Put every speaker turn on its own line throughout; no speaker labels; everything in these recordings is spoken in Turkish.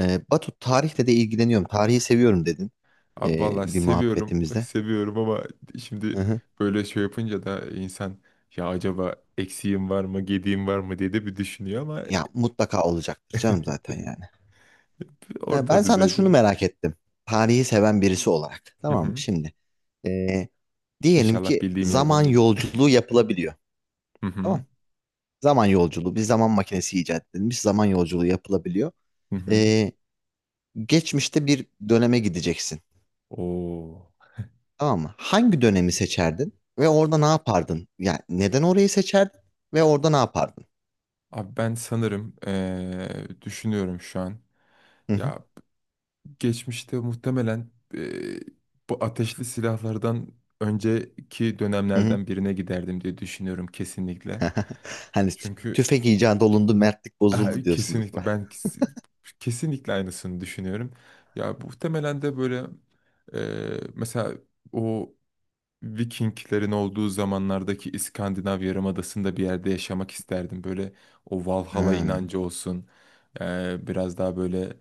Batu tarihle de ilgileniyorum. Tarihi seviyorum dedin
Abi vallahi
bir
seviyorum,
muhabbetimizde.
seviyorum ama şimdi
Hı hı.
böyle şey yapınca da insan ya acaba eksiğim var mı, gediğim var mı diye de bir düşünüyor ama
Ya mutlaka olacaktır canım zaten yani.
orta
Ben sana
düzeyde
şunu
bir.
merak ettim. Tarihi seven birisi olarak.
Hı
Tamam mı
hı.
şimdi? Ee, Diyelim
İnşallah
ki
bildiğim yerden
zaman
gelir.
yolculuğu yapılabiliyor.
Hı
Tamam.
hı.
Zaman yolculuğu. Bir zaman makinesi icat edilmiş. Zaman yolculuğu yapılabiliyor.
Hı hı.
Ee, Geçmişte bir döneme gideceksin.
Oo.
Tamam mı? Hangi dönemi seçerdin? Ve orada ne yapardın? Yani neden orayı seçerdin? Ve orada ne yapardın?
Abi ben sanırım düşünüyorum şu an.
Hı hı.
Ya geçmişte muhtemelen bu ateşli silahlardan önceki
Hı hı.
dönemlerden birine giderdim diye düşünüyorum kesinlikle.
Hani
Çünkü
tüfek icat olundu, mertlik bozuldu
aha,
diyorsunuz.
kesinlikle ben kesinlikle aynısını düşünüyorum. Ya bu muhtemelen de böyle mesela o Vikinglerin olduğu zamanlardaki İskandinav Yarımadası'nda bir yerde yaşamak isterdim. Böyle o Valhalla
Ha.
inancı olsun. Biraz daha böyle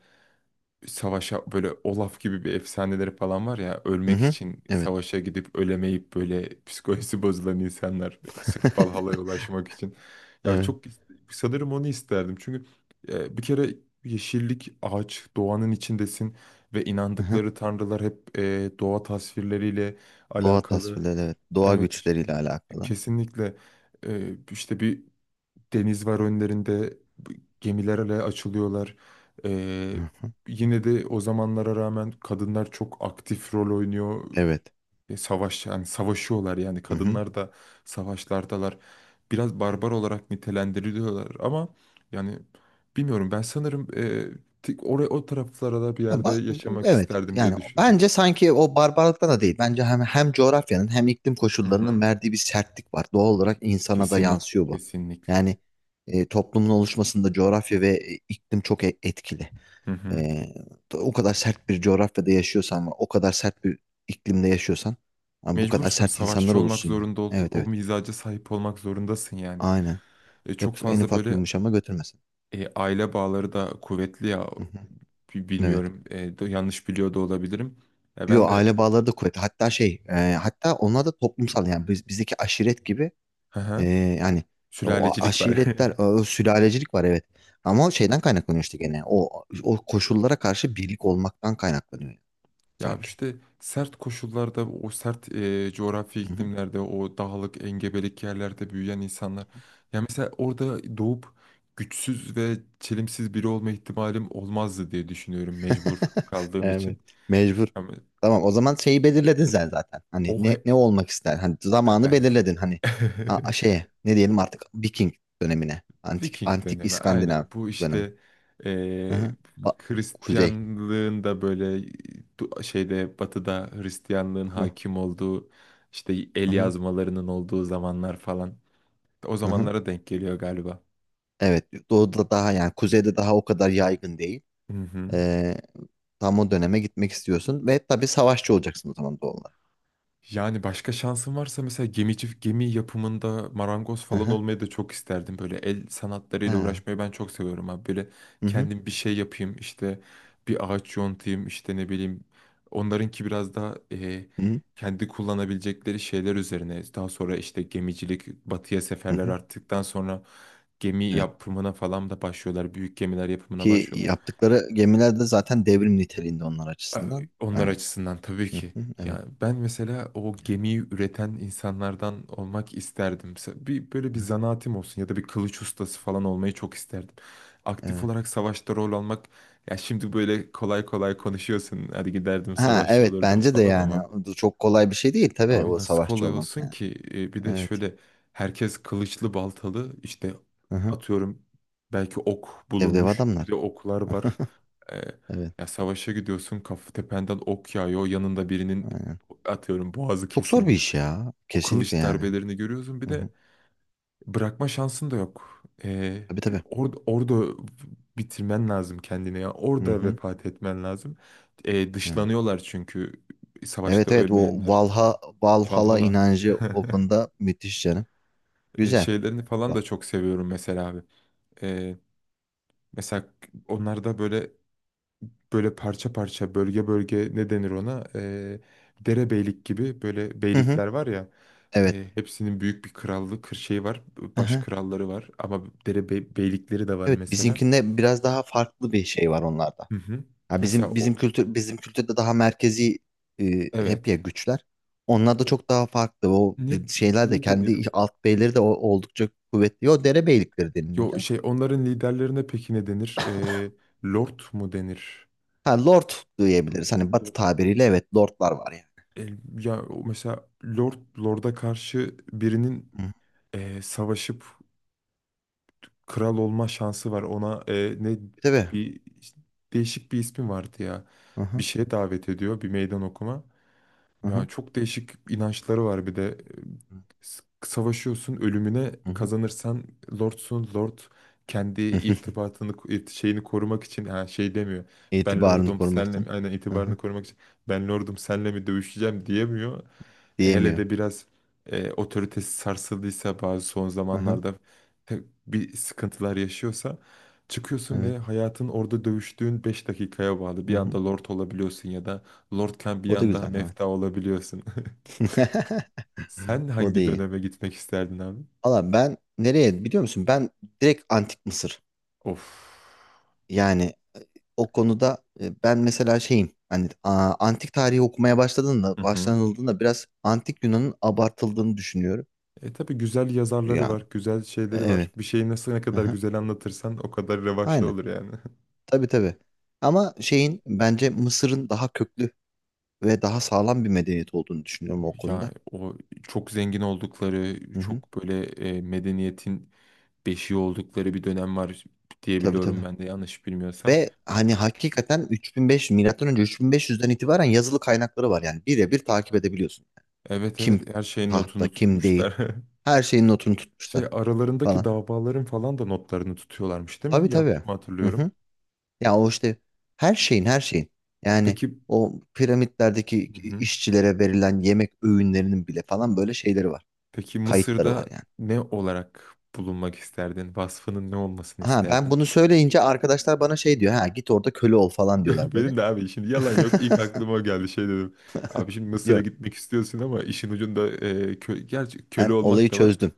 savaşa, böyle Olaf gibi bir efsaneleri falan var ya,
Hı
ölmek
hı.
için
Evet.
savaşa gidip ölemeyip böyle psikolojisi bozulan insanlar sırf Valhalla'ya ulaşmak için. Ya
Evet.
çok sanırım onu isterdim. Çünkü bir kere yeşillik, ağaç, doğanın içindesin ve
Hı hı.
inandıkları tanrılar hep doğa tasvirleriyle
Doğa
alakalı.
tasvirleri evet. Doğa
Evet işte
güçleriyle alakalı.
kesinlikle, işte bir deniz var önlerinde. Gemilerle açılıyorlar. Ee,
Hı hı.
yine de o zamanlara rağmen kadınlar çok aktif rol oynuyor.
Evet.
E, savaş yani savaşıyorlar, yani
Hı hı.
kadınlar da savaşlardalar. Biraz barbar olarak nitelendiriliyorlar ama yani bilmiyorum, ben sanırım oraya, o taraflara da bir yerde
Ama
yaşamak
evet
isterdim diye
yani
düşünüyorum.
bence sanki o barbarlıkta da değil. Bence hem coğrafyanın hem iklim
Hı
koşullarının
hı.
verdiği bir sertlik var. Doğal olarak insana da
Kesinlikle,
yansıyor bu.
kesinlikle.
Yani toplumun oluşmasında coğrafya ve iklim çok etkili.
Hı hı.
Ee, O kadar sert bir coğrafyada yaşıyorsan, ve o kadar sert bir iklimde yaşıyorsan, abi bu kadar
Mecbursun,
sert insanlar
savaşçı olmak
olursun ya.
zorunda,
Evet
o
evet.
mizaca sahip olmak zorundasın yani.
Aynen.
Çok
Yoksa en
fazla
ufak
böyle,
yumuşama götürmesin.
aile bağları da kuvvetli ya.
Hı hı. Evet.
Bilmiyorum, yanlış biliyor da olabilirim. Ya
Yo
ben de,
aile bağları da kuvvetli. Hatta şey, hatta onlar da toplumsal yani biz, bizdeki aşiret gibi
hı
e,
hı,
yani o
sülalecilik var.
aşiretler, o sülalecilik var evet. Ama o şeyden kaynaklanıyor işte gene. O koşullara karşı birlik olmaktan kaynaklanıyor yani
Ya
sanki.
işte sert koşullarda, o sert coğrafi iklimlerde, o dağlık engebelik yerlerde büyüyen insanlar. Ya mesela orada doğup güçsüz ve çelimsiz biri olma ihtimalim olmazdı diye düşünüyorum, mecbur kaldığım için.
Evet. Mecbur.
Ama
Tamam o zaman şeyi belirledin sen zaten. Hani
o
ne
he-
ne olmak ister? Hani
ya
zamanı
ben
belirledin hani şeye ne diyelim artık Viking dönemine. Antik
Viking
antik
dönemi
İskandinav
aynen bu
dönem.
işte, eee
Hı-hı. Kuzey.
Hristiyanlığın da böyle, şeyde, batıda Hristiyanlığın
Hı-hı.
hakim olduğu, işte el
Hı-hı.
yazmalarının olduğu zamanlar falan, o
Hı-hı.
zamanlara denk geliyor galiba.
Evet, doğuda daha yani kuzeyde daha o kadar yaygın değil.
Hı hı.
Ee, Tam o döneme gitmek istiyorsun ve tabii savaşçı olacaksın o zaman doğal olarak.
Yani başka şansım varsa mesela gemici, gemi yapımında marangoz falan
Hı-hı.
olmayı da çok isterdim. Böyle el sanatlarıyla
Ha.
uğraşmayı ben çok seviyorum abi. Böyle
Hı-hı.
kendim bir şey yapayım işte, bir ağaç yontayım işte, ne bileyim. Onlarınki biraz daha
Hı-hı.
kendi kullanabilecekleri şeyler üzerine. Daha sonra işte gemicilik, batıya seferler
Hı-hı.
arttıktan sonra gemi
Evet.
yapımına falan da başlıyorlar. Büyük gemiler yapımına
Ki
başlıyorlar.
yaptıkları gemiler de zaten devrim niteliğinde onlar
A-
açısından.
Onlar
Hani
açısından tabii
hı
ki.
hı, evet.
Yani ben mesela o gemiyi üreten insanlardan olmak isterdim. Bir, böyle bir
Ha,
zanaatim olsun ya da bir kılıç ustası falan olmayı çok isterdim. Aktif
evet.
olarak savaşta rol almak, ya şimdi böyle kolay kolay konuşuyorsun. Hadi giderdim,
Ha
savaşçı
evet
olurdum
bence de
falan
yani.
ama...
Bu çok kolay bir şey değil tabii
Abi,
o
nasıl
savaşçı
kolay
olmak
olsun
yani.
ki? Bir de
Evet.
şöyle, herkes kılıçlı baltalı işte,
Hı hı.
atıyorum belki ok
Dev dev
bulunmuş, bir
adamlar.
de oklar var. E,
Evet.
ya savaşa gidiyorsun, kafa tependen ok yağıyor, yanında birinin
Aynen.
atıyorum boğazı
Çok zor bir iş
kesilmiş.
ya.
O
Kesinlikle
kılıç
yani.
darbelerini görüyorsun, bir
Hı
de
hı.
bırakma şansın da yok. E,
Tabii tabii.
orada, orada bitirmen lazım kendini, ya
Hı
orada
hı.
vefat etmen lazım. E,
Yani.
dışlanıyorlar çünkü, savaşta
Evet evet o
ölmeyenler.
Valha, Valhalla
Valhalla.
inancı o konuda müthiş canım.
e,
Güzel.
şeylerini falan da çok seviyorum mesela abi. E, mesela onlarda böyle, böyle parça parça, bölge bölge, ne denir ona? Derebeylik gibi böyle
Hı hı.
beylikler var ya.
Evet.
Hepsinin büyük bir krallığı, kır şeyi var,
Hı
baş
hı.
kralları var ama dere beylikleri de var
Evet
mesela.
bizimkinde biraz daha farklı bir şey var onlarda.
Hı hı.
Ha
Mesela
bizim
o,
kültür bizim kültürde daha merkezi hep ya
evet.
güçler. Onlar da
O-
çok daha farklı. O
Ne
şeyler de
ne denir?
kendi
O?
alt beyleri de oldukça kuvvetli. O dere beylikleri deniliyor
Yo,
canım.
şey, onların liderlerine peki ne denir? Lord mu denir?
Ha lord diyebiliriz. Hani batı
Lord.
tabiriyle evet lordlar var yani.
E, ya o mesela, Lord Lord'a karşı birinin
Hı.
savaşıp kral olma şansı var. Ona ne,
Tabii.
bir işte, değişik bir ismi vardı ya.
Hı
Bir
hı.
şeye davet ediyor, bir meydan okuma.
Hı
Ya
hı.
çok değişik inançları var bir de.
Hı
Savaşıyorsun ölümüne,
hı.
kazanırsan lordsun, lord kendi irtibatını, şeyini korumak için ha şey demiyor. Ben
İtibarını
lordum
korumak
senle mi,
için.
aynen,
Hı hı.
itibarını korumak için ben lordum senle mi dövüşeceğim diyemiyor. Hele
Diyemiyor.
de biraz otoritesi sarsıldıysa, bazı son
Hı hı.
zamanlarda bir sıkıntılar yaşıyorsa, çıkıyorsun
Evet.
ve hayatın orada dövüştüğün 5 dakikaya bağlı.
Hı
Bir
hı.
anda lord olabiliyorsun ya da Lordken bir
O da
anda
güzel. Evet.
mefta olabiliyorsun. Sen
O da
hangi
iyi.
döneme gitmek isterdin abi?
Valla ben nereye biliyor musun? Ben direkt Antik Mısır.
Of.
Yani o konuda ben mesela şeyim. Hani antik tarihi okumaya
Hı
başladığında,
hı.
başlanıldığında biraz antik Yunan'ın abartıldığını düşünüyorum.
Tabii güzel yazarları
Yani
var, güzel şeyleri
evet.
var. Bir şeyi nasıl, ne
Hı
kadar
hı.
güzel anlatırsan o kadar revaçlı
Aynen.
olur yani.
Tabii tabii. Ama şeyin bence Mısır'ın daha köklü ve daha sağlam bir medeniyet olduğunu düşünüyorum o
Ya
konuda.
o çok zengin oldukları,
Hı hı.
çok böyle medeniyetin beşiği oldukları bir dönem var
Tabii
diyebiliyorum
tabii.
ben de, yanlış bilmiyorsam.
Ve hani hakikaten 3500 milattan önce 3500'den itibaren yazılı kaynakları var yani birebir takip edebiliyorsun.
Evet,
Kim
evet, her şeyin
tahtta
notunu
kim değil.
tutmuşlar.
Her şeyin notunu
Şey,
tutmuşlar
aralarındaki
falan.
davaların falan da notlarını tutuyorlarmış değil
Tabii
mi?
tabii.
Yanlış mı
Hı
hatırlıyorum?
hı. Ya o işte her şeyin her şeyin. Yani
Peki.
o piramitlerdeki
Hı hı.
işçilere verilen yemek öğünlerinin bile falan böyle şeyleri var.
Peki,
Kayıtları var
Mısır'da
yani.
ne olarak bulunmak isterdin? Vasfının ne olmasını
Ha ben
isterdin?
bunu söyleyince arkadaşlar bana şey diyor. Ha git orada köle ol falan diyorlar böyle.
Benim de abi, şimdi yalan yok. İlk aklıma o geldi, şey dedim. Abi şimdi Mısır'a
Yok
gitmek istiyorsun ama işin ucunda, e, kö gerçi köle
ben olayı
olmak da var.
çözdüm.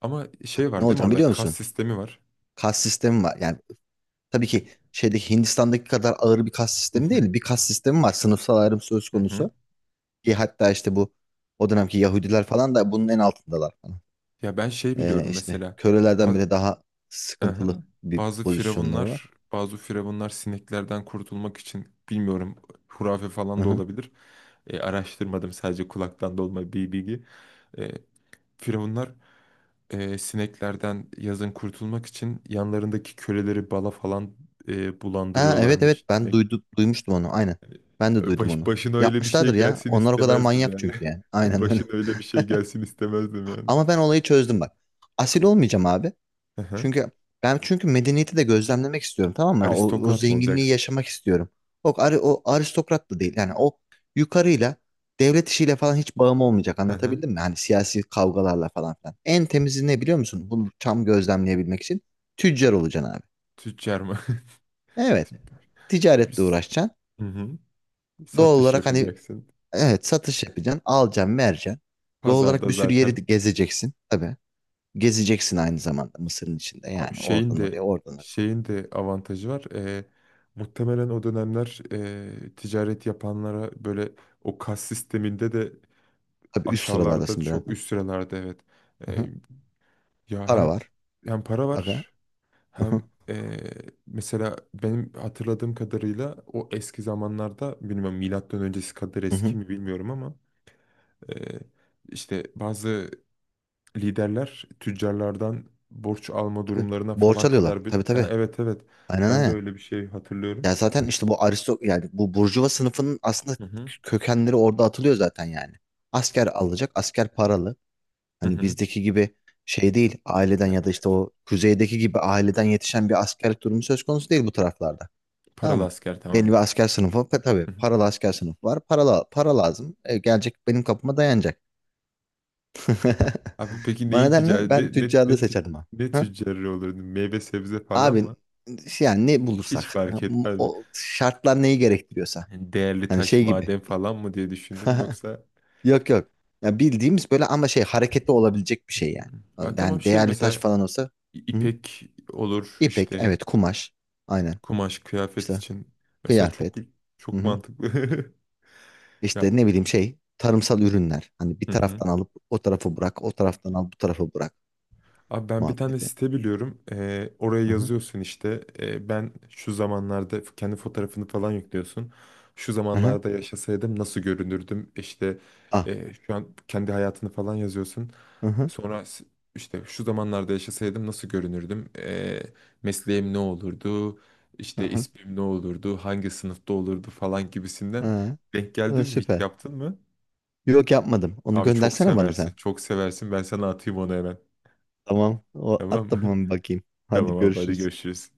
Ama
Bak,
şey
ne
var değil mi,
olacağım
orada
biliyor
kas
musun?
sistemi var.
Kas sistemi var. Yani tabii
Yani,
ki şeydeki Hindistan'daki kadar ağır bir kas
hı
sistemi
hı.
değil. Bir kas sistemi var. Sınıfsal ayrım söz
Hı hı.
konusu. Ki hatta işte bu o dönemki Yahudiler falan da bunun en altındalar falan.
Ya ben şey biliyorum
İşte
mesela,
kölelerden
ba-
bile daha sıkıntılı
aha.
bir
Bazı
pozisyonları var.
firavunlar, bazı firavunlar sineklerden kurtulmak için, bilmiyorum, hurafe
Hı
falan da
hı.
olabilir. Araştırmadım, sadece kulaktan dolma bir bilgi. E, firavunlar sineklerden yazın kurtulmak için yanlarındaki köleleri bala falan
Ha evet evet
bulandırıyorlarmış.
ben duydum duymuştum onu. Aynen.
Yani,
Ben de duydum
Baş,
onu.
başına öyle bir şey
Yapmışlardır ya.
gelsin
Onlar o kadar
istemezdim
manyak
yani.
çünkü yani. Aynen öyle.
Başına öyle bir şey gelsin istemezdim yani.
Ama ben olayı çözdüm bak. Asil olmayacağım abi.
Aha.
Çünkü ben çünkü medeniyeti de gözlemlemek istiyorum tamam mı? O, o
Aristokrat mı
zenginliği
olacaksın?
yaşamak istiyorum. O, o aristokrat da değil. Yani o yukarıyla devlet işiyle falan hiç bağım olmayacak.
Aha.
Anlatabildim mi? Hani siyasi kavgalarla falan filan. En temizi ne biliyor musun? Bunu tam gözlemleyebilmek için tüccar olacaksın abi.
Tüccar mı?
Evet. Ticaretle uğraşacaksın.
Hı hı.
Doğal
Satış
olarak hani
yapacaksın.
evet satış yapacaksın. Alacaksın, vereceksin. Doğal olarak
Pazarda
bir sürü yeri de
zaten
gezeceksin. Tabii. Gezeceksin aynı zamanda Mısır'ın içinde. Yani
şeyin
oradan oraya,
de
oradan oraya.
şeyin de avantajı var. Muhtemelen o dönemler, ticaret yapanlara böyle, o kas sisteminde de
Tabii üst
aşağılarda,
sıralardasın biraz.
çok üst sıralarda, evet.
Aha.
Ee, ya
Para
hem
var.
hem para
Aga.
var, hem
Aha.
ee, mesela, benim hatırladığım kadarıyla, o eski zamanlarda, bilmiyorum milattan öncesi kadar
Hı
eski
hı.
mi bilmiyorum ama ee, işte bazı liderler tüccarlardan borç alma
Tabii.
durumlarına
Borç
falan
alıyorlar.
kadar bir...
Tabii
Ha,
tabii.
evet, evet,
Aynen
ben de
aynen.
öyle bir şey hatırlıyorum.
Ya zaten işte bu aristo yani bu burjuva sınıfının aslında
Hı hı.
kökenleri orada atılıyor zaten yani. Asker alacak, asker paralı.
Hı
Hani
hı.
bizdeki gibi şey değil, aileden
Ya,
ya da işte
gerçi.
o kuzeydeki gibi aileden yetişen bir askerlik durumu söz konusu değil bu taraflarda. Tamam
Paralı
mı?
asker
Belli bir
tamamen.
asker sınıfı tabii
Hı hı.
paralı asker sınıfı var. Para, para lazım. Gelecek benim kapıma dayanacak.
Abi peki
O
neyin
nedenle
ticareti,
ben tüccarlığı seçerdim ha.
ne tüccarı olurdu? Meyve sebze falan
Abi
mı?
şey, yani ne
Hiç
bulursak
fark etmez mi?
o şartlar neyi gerektiriyorsa
Yani değerli
hani
taş,
şey gibi.
maden falan mı diye düşündüm yoksa...
Yok yok. Ya bildiğimiz böyle ama şey hareketli olabilecek bir
Hı.
şey yani.
Ha, tamam,
Yani
şey
değerli taş
mesela
falan olsa hı hı.
ipek olur
İpek
işte,
evet kumaş aynen
kumaş, kıyafet
İşte
için. Mesela çok
kıyafet hı
çok
hı.
mantıklı. Ya.
İşte ne bileyim şey tarımsal ürünler. Hani bir
Hı hı.
taraftan alıp o tarafa bırak o taraftan al bu tarafa bırak
Abi ben bir tane
muhabbeti.
site biliyorum. Oraya
Hı hı.
yazıyorsun işte. Ben şu zamanlarda, kendi fotoğrafını falan yüklüyorsun. Şu
Hı hı.
zamanlarda yaşasaydım nasıl görünürdüm? İşte,
Ah.
şu an kendi hayatını falan yazıyorsun.
Hı hı.
Sonra işte şu zamanlarda yaşasaydım nasıl görünürdüm? Mesleğim ne olurdu?
Hı
İşte
hı.
ismim ne olurdu? Hangi sınıfta olurdu falan gibisinden.
Ha.
Denk geldin mi, hiç
Süper.
yaptın mı?
Yok yapmadım. Onu
Abi çok
göndersene bana sen.
seversin. Çok seversin. Ben sana atayım onu hemen.
Tamam. O,
Tamam
at da
mı?
ben bakayım. Hadi
Tamam abi, hadi
görüşürüz.
görüşürüz.